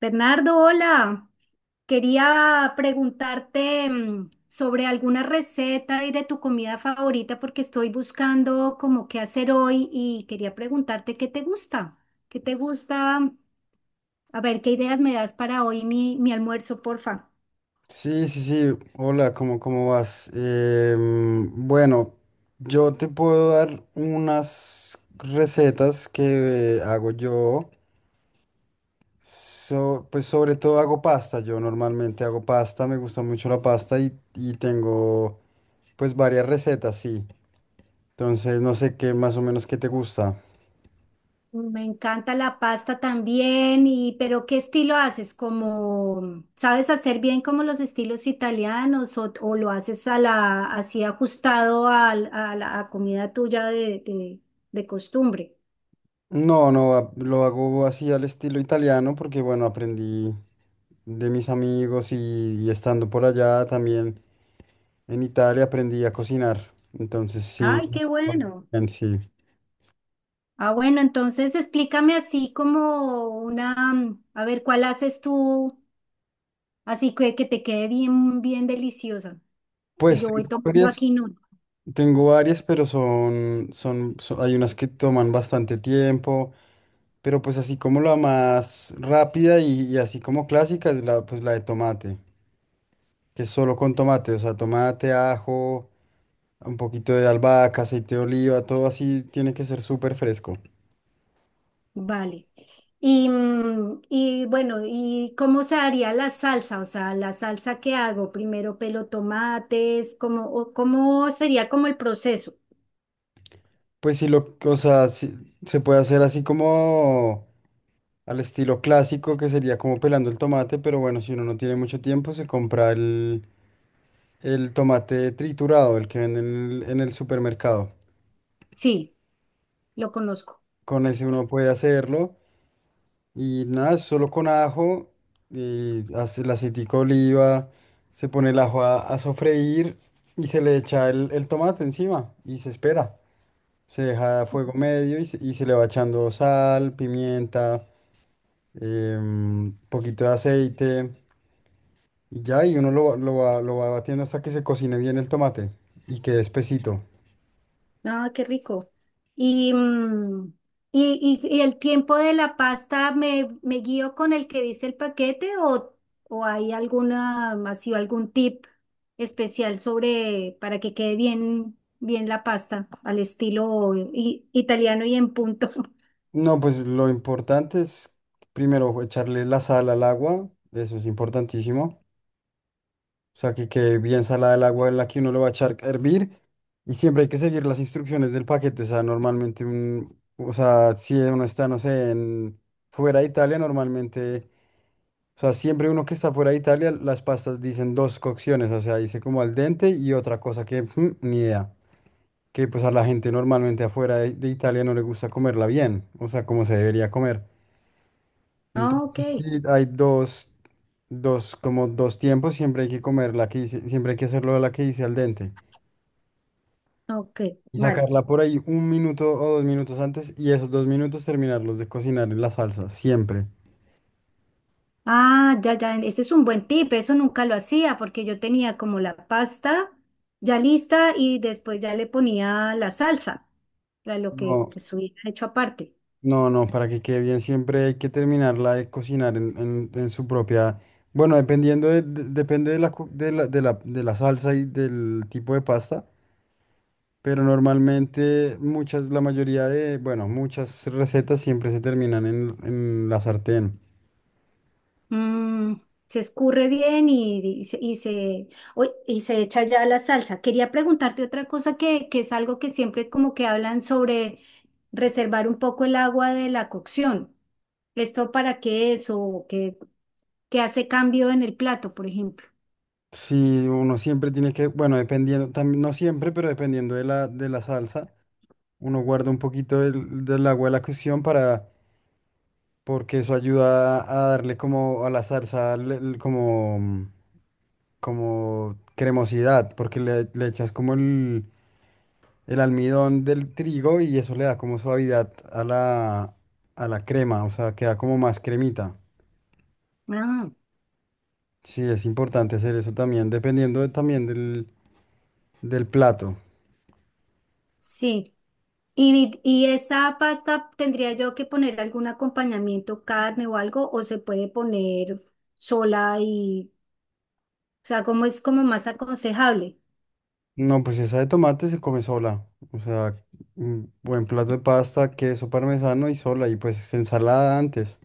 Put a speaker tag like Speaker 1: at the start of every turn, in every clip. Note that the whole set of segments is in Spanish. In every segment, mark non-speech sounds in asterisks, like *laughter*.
Speaker 1: Bernardo, hola. Quería preguntarte sobre alguna receta y de tu comida favorita porque estoy buscando como qué hacer hoy y quería preguntarte qué te gusta. ¿Qué te gusta? A ver, ¿qué ideas me das para hoy mi almuerzo, porfa?
Speaker 2: Sí, sí, sí. Hola, ¿cómo, cómo vas? Bueno, yo te puedo dar unas recetas que hago yo. Pues sobre todo hago pasta. Yo normalmente hago pasta, me gusta mucho la pasta y tengo pues varias recetas, sí. Entonces no sé qué más o menos qué te gusta.
Speaker 1: Me encanta la pasta también, y pero ¿qué estilo haces? ¿Como sabes hacer bien como los estilos italianos o lo haces a la, así ajustado al- a, la a comida tuya de costumbre?
Speaker 2: No, no, lo hago así al estilo italiano porque bueno, aprendí de mis amigos y estando por allá también. En Italia aprendí a cocinar, entonces sí,
Speaker 1: Ay, qué bueno.
Speaker 2: en sí.
Speaker 1: Ah, bueno, entonces explícame así como una, a ver, ¿cuál haces tú así que te quede bien, bien deliciosa? Y
Speaker 2: Pues
Speaker 1: yo voy tomando aquí.
Speaker 2: tengo varias, pero hay unas que toman bastante tiempo, pero pues así como la más rápida y así como clásica es la, pues la de tomate, que es solo con tomate, o sea, tomate, ajo, un poquito de albahaca, aceite de oliva, todo así tiene que ser súper fresco.
Speaker 1: Vale. Y bueno, ¿y cómo se haría la salsa? O sea, la salsa que hago, primero pelo tomates, ¿cómo, o cómo sería como el proceso?
Speaker 2: Pues sí, lo, o sea, sí, se puede hacer así como al estilo clásico, que sería como pelando el tomate, pero bueno, si uno no tiene mucho tiempo, se compra el tomate triturado, el que venden en en el supermercado.
Speaker 1: Sí, lo conozco.
Speaker 2: Con ese uno puede hacerlo y nada, es solo con ajo y hace el aceitico de oliva, se pone el ajo a sofreír y se le echa el tomate encima y se espera. Se deja a fuego medio y se le va echando sal, pimienta, un poquito de aceite y ya, y uno lo va batiendo hasta que se cocine bien el tomate y quede espesito.
Speaker 1: Ah, qué rico. Y, mm, y el tiempo de la pasta, ¿me, me guío con el que dice el paquete o hay alguna, ha sido algún tip especial sobre para que quede bien, bien la pasta al estilo italiano y en punto? *laughs*
Speaker 2: No, pues lo importante es primero echarle la sal al agua, eso es importantísimo. O sea, que quede bien salada el agua en la que uno lo va a echar a hervir y siempre hay que seguir las instrucciones del paquete. O sea, normalmente, o sea, si uno está, no sé, en, fuera de Italia, normalmente. O sea, siempre uno que está fuera de Italia, las pastas dicen dos cocciones, o sea, dice como al dente y otra cosa que ni idea. Que pues a la gente normalmente afuera de Italia no le gusta comerla bien, o sea, como se debería comer.
Speaker 1: Ah, ok,
Speaker 2: Entonces sí, hay dos, como dos tiempos, siempre hay que comer la que dice, siempre hay que hacerlo la que dice al dente.
Speaker 1: ok,
Speaker 2: Y
Speaker 1: vale.
Speaker 2: sacarla por ahí un minuto o dos minutos antes y esos dos minutos terminarlos de cocinar en la salsa, siempre.
Speaker 1: Ah, ya, ya, ese es un buen tip, eso nunca lo hacía porque yo tenía como la pasta ya lista y después ya le ponía la salsa. Lo que
Speaker 2: No,
Speaker 1: pues hubiera hecho aparte.
Speaker 2: no, no, para que quede bien siempre hay que terminarla de cocinar en, en su propia... Bueno, dependiendo depende de la, cu- de la, de la, de la salsa y del tipo de pasta, pero normalmente muchas, la mayoría de, bueno, muchas recetas siempre se terminan en la sartén.
Speaker 1: Mm, se escurre bien y se uy, y se echa ya la salsa. Quería preguntarte otra cosa que es algo que siempre como que hablan sobre reservar un poco el agua de la cocción. ¿Esto para qué es o qué, qué hace cambio en el plato, por ejemplo?
Speaker 2: Si uno siempre tiene que, bueno, dependiendo, también, no siempre, pero dependiendo de de la salsa, uno guarda un poquito del agua de la cocción para, porque eso ayuda a darle como a la salsa, como... como cremosidad, porque le echas como el almidón del trigo y eso le da como suavidad a la crema, o sea, queda como más cremita.
Speaker 1: Ah,
Speaker 2: Sí, es importante hacer eso también, dependiendo también del, del plato.
Speaker 1: sí. Y esa pasta tendría yo que poner algún acompañamiento, carne o algo, o se puede poner sola y... O sea, cómo es como más aconsejable.
Speaker 2: No, pues esa de tomate se come sola, o sea, un buen plato de pasta, queso parmesano y sola, y pues ensalada antes.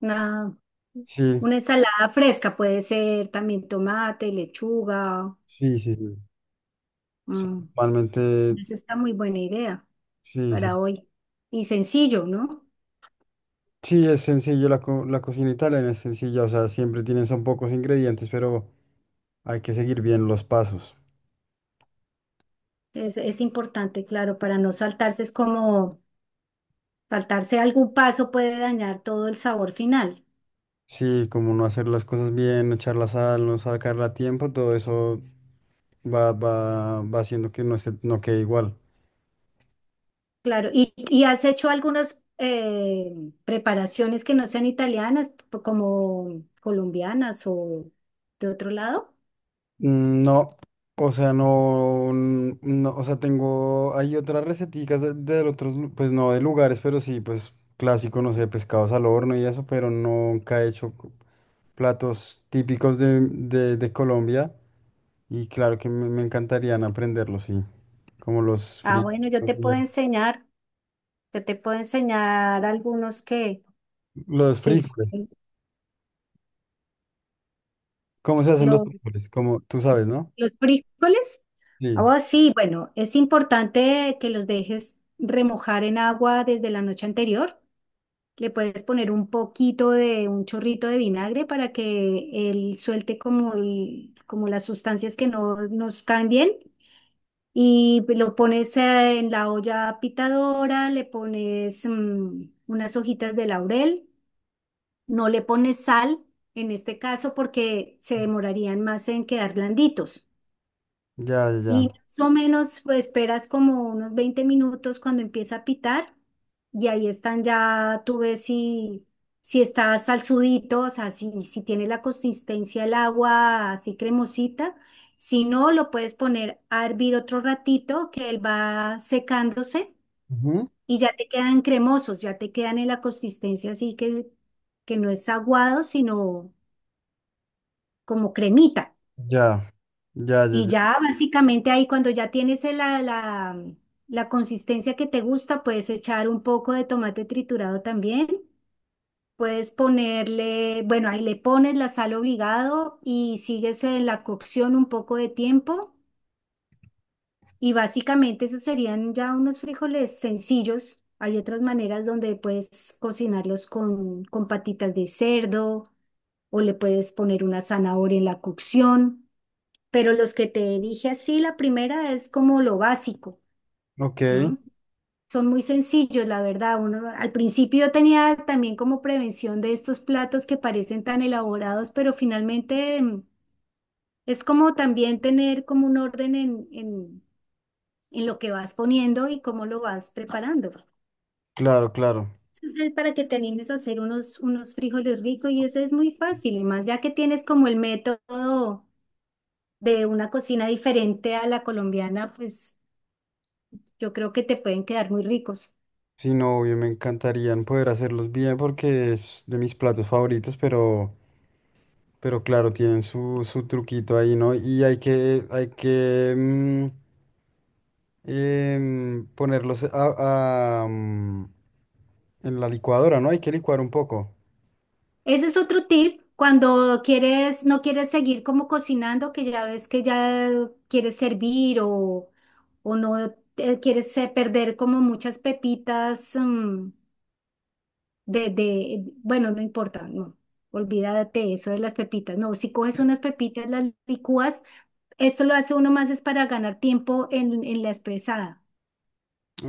Speaker 1: Una,
Speaker 2: Sí,
Speaker 1: una ensalada fresca puede ser también tomate, lechuga.
Speaker 2: sí, sí. Sí. O sea,
Speaker 1: mm,
Speaker 2: normalmente,
Speaker 1: Esa está muy buena idea
Speaker 2: sí, sí.
Speaker 1: para hoy. Y sencillo, ¿no?
Speaker 2: Sí, es sencillo, la, la cocina italiana es sencilla, o sea, siempre tienen, son pocos ingredientes, pero hay que seguir bien los pasos.
Speaker 1: Es importante, claro, para no saltarse, es como saltarse algún paso puede dañar todo el sabor final.
Speaker 2: Sí, como no hacer las cosas bien, no echar la sal, no sacarla a tiempo, todo eso va haciendo que no quede igual.
Speaker 1: Claro, y has hecho algunas preparaciones que no sean italianas, como colombianas o de otro lado.
Speaker 2: Mm, no, o sea, no, no, o sea, tengo, hay otras receticas de otros, pues no de lugares, pero sí, pues clásico, no sé, pescados al horno y eso, pero nunca he hecho platos típicos de, de Colombia. Y claro que me encantarían aprenderlo, sí. Como los
Speaker 1: Ah,
Speaker 2: frijoles.
Speaker 1: bueno, yo te puedo enseñar, yo te puedo enseñar algunos que,
Speaker 2: Los
Speaker 1: que es-
Speaker 2: frijoles. ¿Cómo se hacen los
Speaker 1: los,
Speaker 2: frijoles? Como tú sabes, ¿no?
Speaker 1: los frijoles.
Speaker 2: Sí.
Speaker 1: Ah, sí, bueno, es importante que los dejes remojar en agua desde la noche anterior. Le puedes poner un poquito de un chorrito de vinagre para que él suelte como, como las sustancias que no nos caen bien. Y lo pones en la olla pitadora, le pones unas hojitas de laurel. No le pones sal en este caso porque se demorarían más en quedar blanditos.
Speaker 2: Ya, ya,
Speaker 1: Y
Speaker 2: ya.
Speaker 1: más o menos pues, esperas como unos 20 minutos cuando empieza a pitar y ahí están ya, tú ves si, si está salsudito, o sea, si, si tiene la consistencia el agua así cremosita. Si no, lo puedes poner a hervir otro ratito que él va secándose
Speaker 2: Ujú.
Speaker 1: y ya te quedan cremosos, ya te quedan en la consistencia así que no es aguado, sino como cremita.
Speaker 2: Ya, ya, ya,
Speaker 1: Y
Speaker 2: ya.
Speaker 1: ya básicamente ahí cuando ya tienes la consistencia que te gusta, puedes echar un poco de tomate triturado también. Puedes ponerle, bueno, ahí le pones la sal obligado y sigues en la cocción un poco de tiempo. Y básicamente esos serían ya unos frijoles sencillos. Hay otras maneras donde puedes cocinarlos con patitas de cerdo o le puedes poner una zanahoria en la cocción. Pero los que te dije así, la primera es como lo básico,
Speaker 2: Ok,
Speaker 1: ¿no? Son muy sencillos, la verdad. Uno, al principio yo tenía también como prevención de estos platos que parecen tan elaborados, pero finalmente es como también tener como un orden en lo que vas poniendo y cómo lo vas preparando.
Speaker 2: claro, claro.
Speaker 1: Entonces, es para que te animes a hacer unos, unos frijoles ricos y eso es muy fácil. Y más ya que tienes como el método de una cocina diferente a la colombiana, pues yo creo que te pueden quedar muy ricos.
Speaker 2: Sí, no, obvio, me encantarían poder hacerlos bien porque es de mis platos favoritos, pero claro, tienen su, su truquito ahí, ¿no? Y hay que ponerlos a, en la licuadora, ¿no? Hay que licuar un poco.
Speaker 1: Ese es otro tip. Cuando quieres, no quieres seguir como cocinando, que ya ves que ya quieres servir o no te- quieres perder como muchas pepitas bueno, no importa, no. Olvídate eso de las pepitas. No, si coges unas pepitas, las licúas, esto lo hace uno más es para ganar tiempo en la espesada.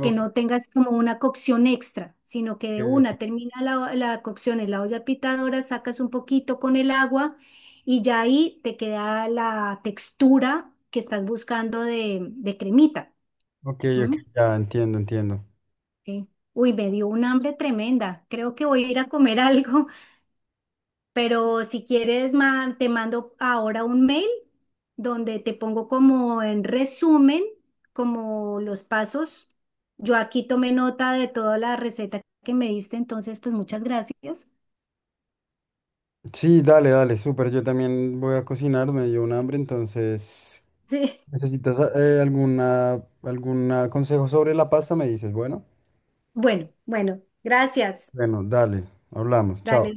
Speaker 1: Que no tengas como una cocción extra, sino que de
Speaker 2: ok,
Speaker 1: una termina la cocción en la olla pitadora, sacas un poquito con el agua y ya ahí te queda la textura que estás buscando de cremita.
Speaker 2: ok, ok,
Speaker 1: ¿M?
Speaker 2: ya entiendo, entiendo.
Speaker 1: Sí. Uy, me dio un hambre tremenda. Creo que voy a ir a comer *laughs* algo. Pero si quieres, te mando ahora un mail donde te pongo como en resumen, como los pasos. Yo aquí tomé nota de toda la receta que me diste, entonces pues muchas gracias. *laughs*
Speaker 2: Sí, dale, dale, súper. Yo también voy a cocinar, me dio un hambre, entonces,
Speaker 1: Sí.
Speaker 2: ¿necesitas alguna, algún consejo sobre la pasta? Me dices, bueno.
Speaker 1: Bueno, bueno, gracias.
Speaker 2: Bueno, dale, hablamos, chao.
Speaker 1: Dale.